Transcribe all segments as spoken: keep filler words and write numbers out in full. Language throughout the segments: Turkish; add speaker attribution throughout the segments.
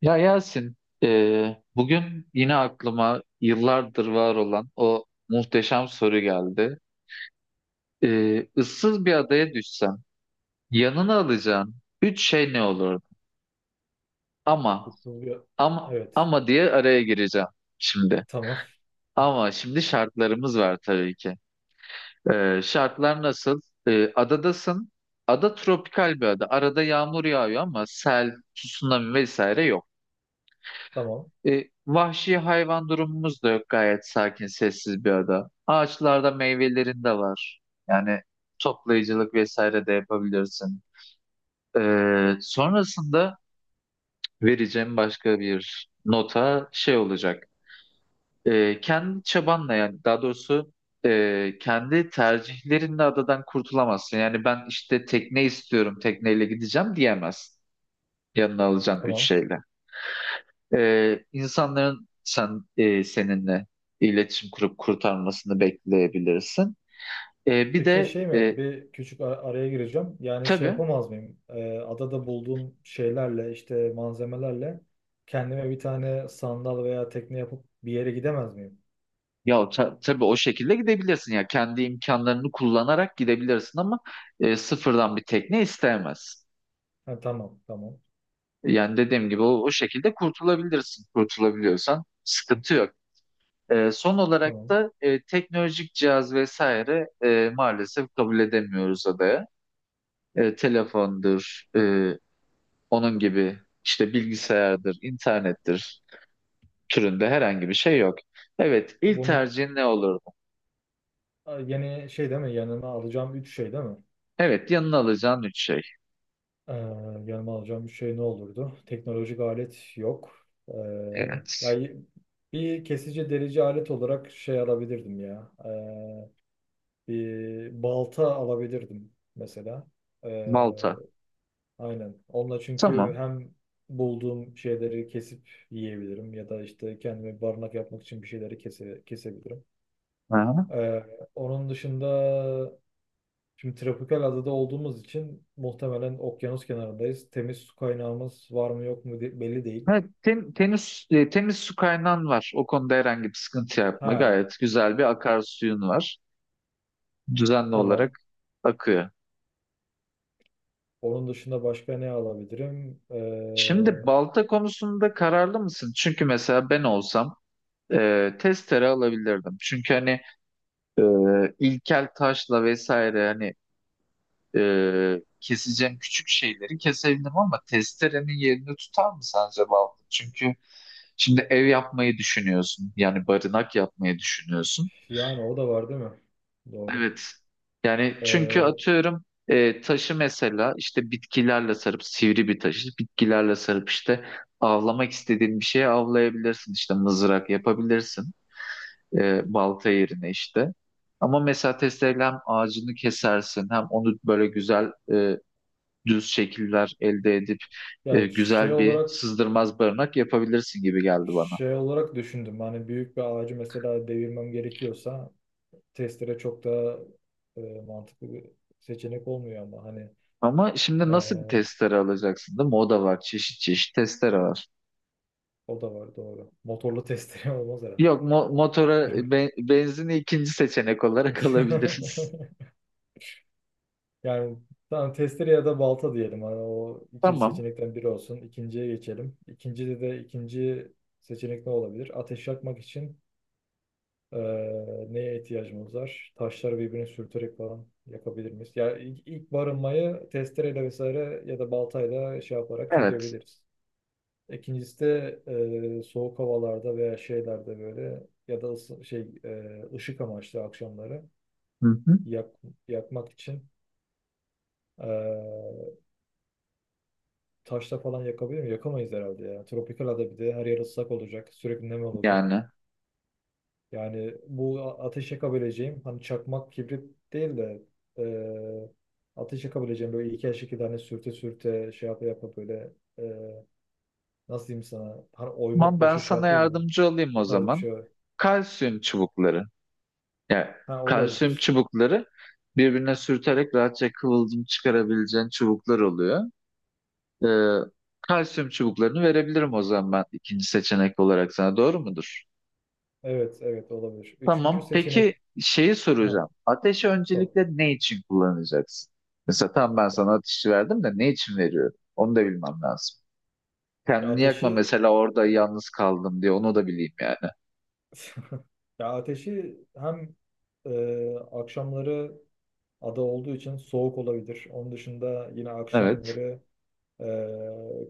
Speaker 1: Ya Yasin, e, bugün yine aklıma yıllardır var olan o muhteşem soru geldi. E, ıssız bir adaya düşsen, yanına alacağın üç şey ne olurdu? Ama,
Speaker 2: Kısılıyor.
Speaker 1: ama,
Speaker 2: Evet.
Speaker 1: ama diye araya gireceğim şimdi.
Speaker 2: Tamam.
Speaker 1: Ama şimdi şartlarımız var tabii ki. E, şartlar nasıl? E, adadasın. Ada tropikal bir ada. Arada yağmur yağıyor ama sel, tsunami vesaire yok.
Speaker 2: Tamam.
Speaker 1: E, vahşi hayvan durumumuz da yok. Gayet sakin, sessiz bir ada. Ağaçlarda meyvelerin de var. Yani toplayıcılık vesaire de yapabilirsin. E, sonrasında vereceğim başka bir nota şey olacak. E, kendi çabanla yani daha doğrusu e, kendi tercihlerinle adadan kurtulamazsın. Yani ben işte tekne istiyorum, tekneyle gideceğim diyemezsin. Yanına alacağın üç
Speaker 2: Tamam.
Speaker 1: şeyle. Ee, insanların sen e, seninle iletişim kurup kurtarmasını bekleyebilirsin. Ee, bir
Speaker 2: Peki
Speaker 1: de
Speaker 2: şey mi?
Speaker 1: e,
Speaker 2: Bir küçük ar- araya gireceğim. Yani şey
Speaker 1: tabii
Speaker 2: yapamaz mıyım? Ee, adada bulduğum şeylerle işte malzemelerle kendime bir tane sandal veya tekne yapıp bir yere gidemez miyim?
Speaker 1: ya ta- tabii o şekilde gidebilirsin ya kendi imkanlarını kullanarak gidebilirsin ama e, sıfırdan bir tekne isteyemez.
Speaker 2: Ha, tamam. Tamam.
Speaker 1: Yani dediğim gibi o, o şekilde kurtulabilirsin. Kurtulabiliyorsan sıkıntı yok. Ee, son olarak
Speaker 2: Tamam.
Speaker 1: da e, teknolojik cihaz vesaire e, maalesef kabul edemiyoruz adaya. E, telefondur, onun gibi işte bilgisayardır, internettir türünde herhangi bir şey yok. Evet, ilk
Speaker 2: Bunun
Speaker 1: tercihin ne olurdu?
Speaker 2: a, yeni şey değil mi? Yanıma alacağım üç şey değil mi?
Speaker 1: Evet, yanına alacağın üç şey.
Speaker 2: Ee, Yanıma alacağım üç şey ne olurdu? Teknolojik alet yok. Ee,
Speaker 1: Evet,
Speaker 2: Yani bir kesici delici alet olarak şey alabilirdim ya. Ee, bir balta alabilirdim mesela. Ee,
Speaker 1: Malta.
Speaker 2: aynen. Onunla çünkü
Speaker 1: Tamam.
Speaker 2: hem bulduğum şeyleri kesip yiyebilirim ya da işte kendime barınak yapmak için bir şeyleri kese, kesebilirim.
Speaker 1: Aha.
Speaker 2: Ee, Onun dışında şimdi tropikal adada olduğumuz için muhtemelen okyanus kenarındayız. Temiz su kaynağımız var mı yok mu de- belli değil.
Speaker 1: Evet, ten- tenis, e, temiz su kaynağın var. O konuda herhangi bir sıkıntı yapma.
Speaker 2: Ha,
Speaker 1: Gayet güzel bir akarsuyun var. Düzenli
Speaker 2: tamam.
Speaker 1: olarak akıyor.
Speaker 2: Onun dışında başka ne alabilirim?
Speaker 1: Şimdi
Speaker 2: Ee,
Speaker 1: balta konusunda kararlı mısın? Çünkü mesela ben olsam e, testere alabilirdim. Çünkü hani e, ilkel taşla vesaire hani e, keseceğim küçük şeyleri kesebilirim ama testerenin yerini tutar mı sence balta? Çünkü şimdi ev yapmayı düşünüyorsun. Yani barınak yapmayı düşünüyorsun.
Speaker 2: yani o da var değil mi? Doğru.
Speaker 1: Evet. Yani çünkü
Speaker 2: Ee,
Speaker 1: atıyorum e, taşı mesela işte bitkilerle sarıp sivri bir taşı bitkilerle sarıp işte avlamak istediğin bir şeye avlayabilirsin. İşte mızrak yapabilirsin e, balta yerine işte. Ama mesela testereyle hem ağacını kesersin hem onu böyle güzel e, düz şekiller elde edip
Speaker 2: ya
Speaker 1: e,
Speaker 2: şey
Speaker 1: güzel bir
Speaker 2: olarak
Speaker 1: sızdırmaz barınak yapabilirsin gibi geldi bana.
Speaker 2: şey olarak düşündüm. Hani büyük bir ağacı mesela devirmem gerekiyorsa testere çok daha e, mantıklı bir seçenek olmuyor ama hani
Speaker 1: Ama
Speaker 2: e,
Speaker 1: şimdi nasıl bir testere alacaksın değil mi? O da var. Çeşit çeşit testere var.
Speaker 2: o da var doğru. Motorlu testere olmaz herhalde.
Speaker 1: Yok mo- motora be- benzini ikinci seçenek olarak alabiliriz.
Speaker 2: Yani tamam testere ya da balta diyelim. Hani o iki
Speaker 1: Tamam.
Speaker 2: seçenekten biri olsun. İkinciye geçelim. İkincide de ikinci seçenek ne olabilir? Ateş yakmak için Ee, neye ihtiyacımız var? Taşları birbirine sürterek falan yapabilir miyiz? Yani ilk, ilk barınmayı testereyle vesaire ya da baltayla şey yaparak
Speaker 1: Evet.
Speaker 2: çözebiliriz. İkincisi de e, soğuk havalarda veya şeylerde böyle ya da ısı- şey e, ışık amaçlı akşamları
Speaker 1: Hı hı.
Speaker 2: yak, yakmak için e, taşla falan yakabilir mi? Yakamayız herhalde ya. Tropikal ada bir de her yer ıslak olacak. Sürekli nem olacak.
Speaker 1: Yani.
Speaker 2: Yani bu a- ateş yakabileceğim hani çakmak kibrit değil de e, ateş yakabileceğim böyle iki aşık iki tane sürte sürte şey yapa yapa böyle e, nasıl diyeyim sana hani
Speaker 1: Tamam
Speaker 2: oymak
Speaker 1: ben
Speaker 2: başı şey
Speaker 1: sana
Speaker 2: yapıyor ya
Speaker 1: yardımcı olayım o
Speaker 2: o tarz bir
Speaker 1: zaman.
Speaker 2: şey var.
Speaker 1: Kalsiyum çubukları. Yani
Speaker 2: Ha
Speaker 1: kalsiyum
Speaker 2: olabilir.
Speaker 1: çubukları birbirine sürterek rahatça kıvılcım çıkarabileceğin çubuklar oluyor. Ee, Kalsiyum çubuklarını verebilirim o zaman ben ikinci seçenek olarak sana. Doğru mudur?
Speaker 2: Evet evet olabilir. Üçüncü
Speaker 1: Tamam. Peki
Speaker 2: seçenek
Speaker 1: şeyi
Speaker 2: ha
Speaker 1: soracağım. Ateşi
Speaker 2: top.
Speaker 1: öncelikle ne için kullanacaksın? Mesela tam ben sana ateşi verdim de ne için veriyorum? Onu da bilmem lazım.
Speaker 2: Ya
Speaker 1: Kendini yakma
Speaker 2: ateşi
Speaker 1: mesela orada yalnız kaldım diye onu da bileyim yani.
Speaker 2: ya ateşi hem e, akşamları ada olduğu için soğuk olabilir. Onun dışında yine
Speaker 1: Evet.
Speaker 2: akşamları Ee,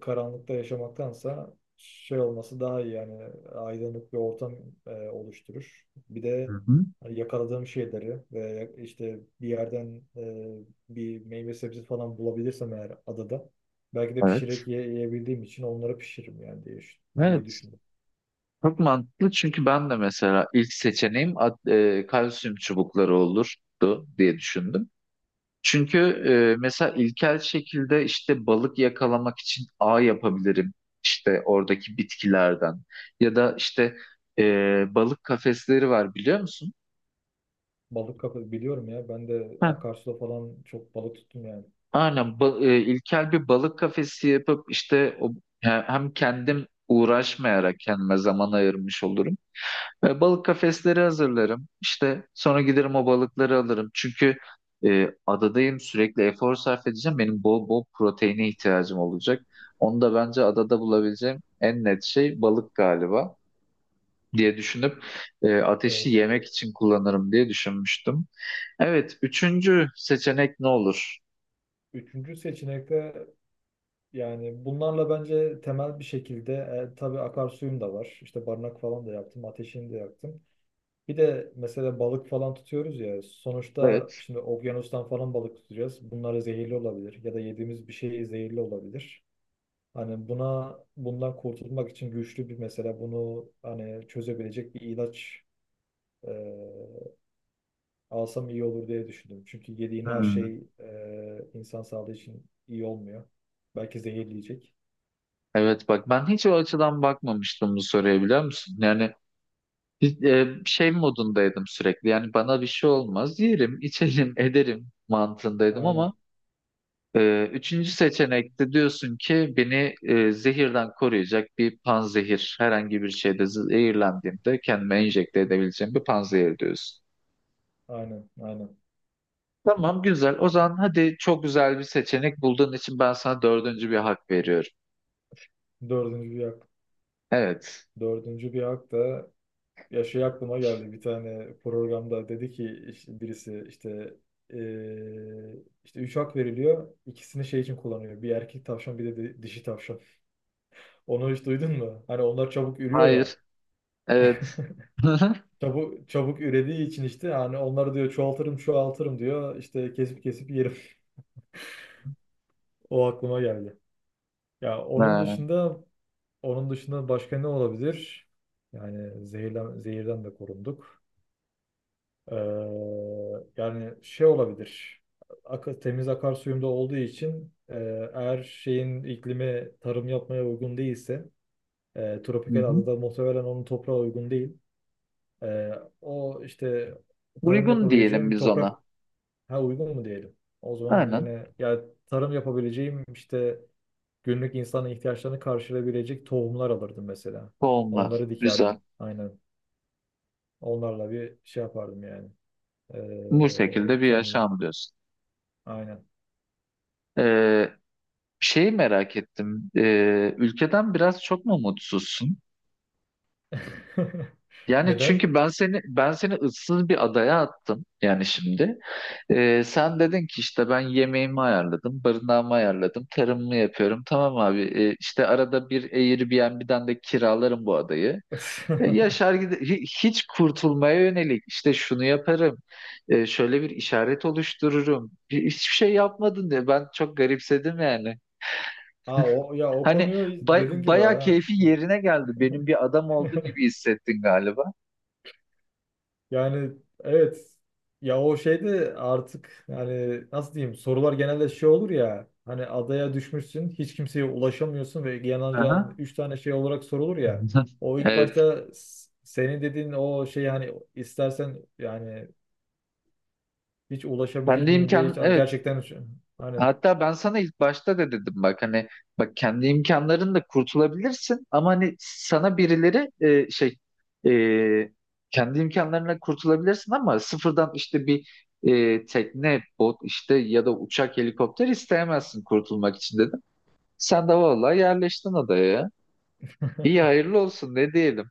Speaker 2: karanlıkta yaşamaktansa şey olması daha iyi yani aydınlık bir ortam e, oluşturur. Bir
Speaker 1: Hı
Speaker 2: de
Speaker 1: hı.
Speaker 2: hani yakaladığım şeyleri ve işte bir yerden e, bir meyve sebze falan bulabilirsem eğer adada belki de pişirerek
Speaker 1: Evet.
Speaker 2: ye- yiyebildiğim için onları pişiririm yani diye, düş- diye
Speaker 1: Evet.
Speaker 2: düşündüm.
Speaker 1: Çok mantıklı çünkü ben de mesela ilk seçeneğim at- e, kalsiyum çubukları olurdu diye düşündüm. Çünkü e, mesela ilkel şekilde işte balık yakalamak için ağ yapabilirim işte oradaki bitkilerden ya da işte e, balık kafesleri var biliyor musun?
Speaker 2: Balık kapı biliyorum ya ben de
Speaker 1: Heh,
Speaker 2: akarsuda falan çok balık tuttum yani.
Speaker 1: aynen ba- e, ilkel bir balık kafesi yapıp işte o, he- hem kendim uğraşmayarak kendime zaman ayırmış olurum. E, balık kafesleri hazırlarım. İşte sonra giderim o balıkları alırım. Çünkü e, adadayım sürekli efor sarf edeceğim. Benim bol bol proteine ihtiyacım olacak. Onu da bence adada bulabileceğim en net şey balık galiba diye düşünüp e, ateşi
Speaker 2: Evet.
Speaker 1: yemek için kullanırım diye düşünmüştüm. Evet, üçüncü seçenek ne olur?
Speaker 2: Üçüncü seçenekte yani bunlarla bence temel bir şekilde e, tabii akarsuyum da var. İşte barınak falan da yaptım, ateşini de yaktım. Bir de mesela balık falan tutuyoruz ya. Sonuçta
Speaker 1: Evet.
Speaker 2: şimdi okyanustan falan balık tutacağız. Bunlar zehirli olabilir ya da yediğimiz bir şey zehirli olabilir. Hani buna bundan kurtulmak için güçlü bir mesela bunu hani çözebilecek bir ilaç e, alsam iyi olur diye düşündüm. Çünkü yediğin her
Speaker 1: Hmm.
Speaker 2: şey e, insan sağlığı için iyi olmuyor. Belki zehirleyecek.
Speaker 1: Evet bak ben hiç o açıdan bakmamıştım bu soruya biliyor musun? Yani Biz, e, şey modundaydım sürekli yani bana bir şey olmaz yerim içelim ederim mantığındaydım
Speaker 2: Aynen.
Speaker 1: ama e, üçüncü seçenekte diyorsun ki beni e, zehirden koruyacak bir panzehir herhangi bir şeyde zehirlendiğimde kendime enjekte edebileceğim bir panzehir diyorsun.
Speaker 2: Aynen, aynen.
Speaker 1: Tamam güzel o
Speaker 2: Yani
Speaker 1: zaman hadi çok güzel bir seçenek bulduğun için ben sana dördüncü bir hak veriyorum.
Speaker 2: dördüncü bir hak.
Speaker 1: Evet.
Speaker 2: Dördüncü bir hak da ya şey aklıma geldi. Bir tane programda dedi ki işte birisi işte eee, işte üç hak veriliyor. İkisini şey için kullanıyor. Bir erkek tavşan bir de di- dişi tavşan. Onu hiç duydun mu? Hani onlar çabuk ürüyor ya.
Speaker 1: Hayır. Evet.
Speaker 2: Çabuk çabuk ürediği için işte hani onları diyor çoğaltırım çoğaltırım diyor. İşte kesip kesip yerim. O aklıma geldi. Ya onun
Speaker 1: Ha,
Speaker 2: dışında onun dışında başka ne olabilir? Yani zehirden, zehirden de korunduk. Ee, Yani şey olabilir. Akı, temiz akarsuyumda olduğu için e, eğer şeyin iklimi tarım yapmaya uygun değilse e,
Speaker 1: hı
Speaker 2: tropikal
Speaker 1: hı.
Speaker 2: adada muhtemelen onun toprağı uygun değil. E, o işte tarım
Speaker 1: Uygun diyelim
Speaker 2: yapabileceğim
Speaker 1: biz ona.
Speaker 2: toprak ha uygun mu diyelim? O zaman
Speaker 1: Aynen.
Speaker 2: yine ya tarım yapabileceğim işte günlük insanın ihtiyaçlarını karşılayabilecek tohumlar alırdım mesela.
Speaker 1: Olmaz.
Speaker 2: Onları
Speaker 1: Güzel.
Speaker 2: dikerdim. Aynen. Onlarla bir şey yapardım yani.
Speaker 1: Bu
Speaker 2: Ee,
Speaker 1: şekilde bir
Speaker 2: kendimi.
Speaker 1: yaşam diyorsun.
Speaker 2: Aynen.
Speaker 1: Ee, Şeyi merak ettim. Ee, ülkeden biraz çok mu mutsuzsun? Yani
Speaker 2: Neden?
Speaker 1: çünkü ben seni ben seni ıssız bir adaya attım yani şimdi. Ee, sen dedin ki işte ben yemeğimi ayarladım, barınağımı ayarladım, tarımımı yapıyorum. Tamam abi, e, işte arada bir Airbnb'den de kiralarım bu adayı. E, Yaşar gide hi- hiç kurtulmaya yönelik işte şunu yaparım, e, şöyle bir işaret oluştururum. Hi- Hiçbir şey yapmadın diye ben çok garipsedim yani.
Speaker 2: Aa, o, ya o
Speaker 1: Hani
Speaker 2: konuyu
Speaker 1: bay,
Speaker 2: dediğin gibi
Speaker 1: bayağı
Speaker 2: ha.
Speaker 1: keyfi yerine geldi. Benim bir adam oldu gibi hissettin galiba.
Speaker 2: Yani evet ya o şeyde artık yani nasıl diyeyim sorular genelde şey olur ya hani adaya düşmüşsün hiç kimseye ulaşamıyorsun ve yanacağın
Speaker 1: Aha.
Speaker 2: üç tane şey olarak sorulur ya o ilk
Speaker 1: Evet.
Speaker 2: başta s- senin dediğin o şey hani istersen yani hiç ulaşabilir
Speaker 1: Ben de
Speaker 2: miyim diye hiç
Speaker 1: imkan evet.
Speaker 2: gerçekten şu- hani
Speaker 1: Hatta ben sana ilk başta da dedim bak hani bak kendi imkanlarınla kurtulabilirsin ama hani sana birileri e, şey e, kendi imkanlarına kurtulabilirsin ama sıfırdan işte bir e, tekne, bot işte ya da uçak, helikopter isteyemezsin kurtulmak için dedim. Sen de vallahi yerleştin adaya. İyi hayırlı olsun ne diyelim.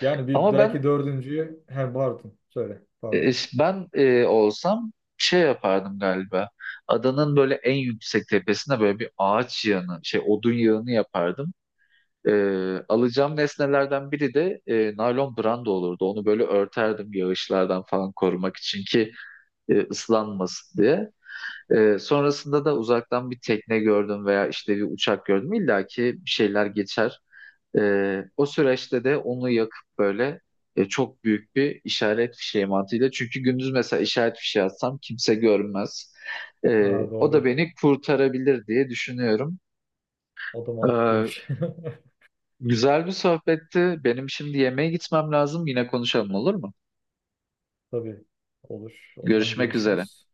Speaker 2: yani bir
Speaker 1: Ama
Speaker 2: belki
Speaker 1: ben
Speaker 2: dördüncüyü he pardon söyle
Speaker 1: E,
Speaker 2: pardon
Speaker 1: Ben e, olsam şey yapardım galiba. Adanın böyle en yüksek tepesine böyle bir ağaç yığını, şey odun yığını yapardım. E, Alacağım nesnelerden biri de e, naylon branda olurdu. Onu böyle örterdim yağışlardan falan korumak için ki e, ıslanmasın diye. E, sonrasında da uzaktan bir tekne gördüm veya işte bir uçak gördüm. İlla ki bir şeyler geçer. Ee, o süreçte de onu yakıp böyle e, çok büyük bir işaret fişeği mantığıyla. Çünkü gündüz mesela işaret fişeği atsam kimse görmez. Ee,
Speaker 2: ha,
Speaker 1: o da
Speaker 2: doğru
Speaker 1: beni kurtarabilir diye düşünüyorum.
Speaker 2: o da
Speaker 1: Ee,
Speaker 2: mantıklıymış
Speaker 1: Güzel bir sohbetti. Benim şimdi yemeğe gitmem lazım. Yine konuşalım olur mu?
Speaker 2: tabii olur o zaman
Speaker 1: Görüşmek üzere.
Speaker 2: görüşürüz.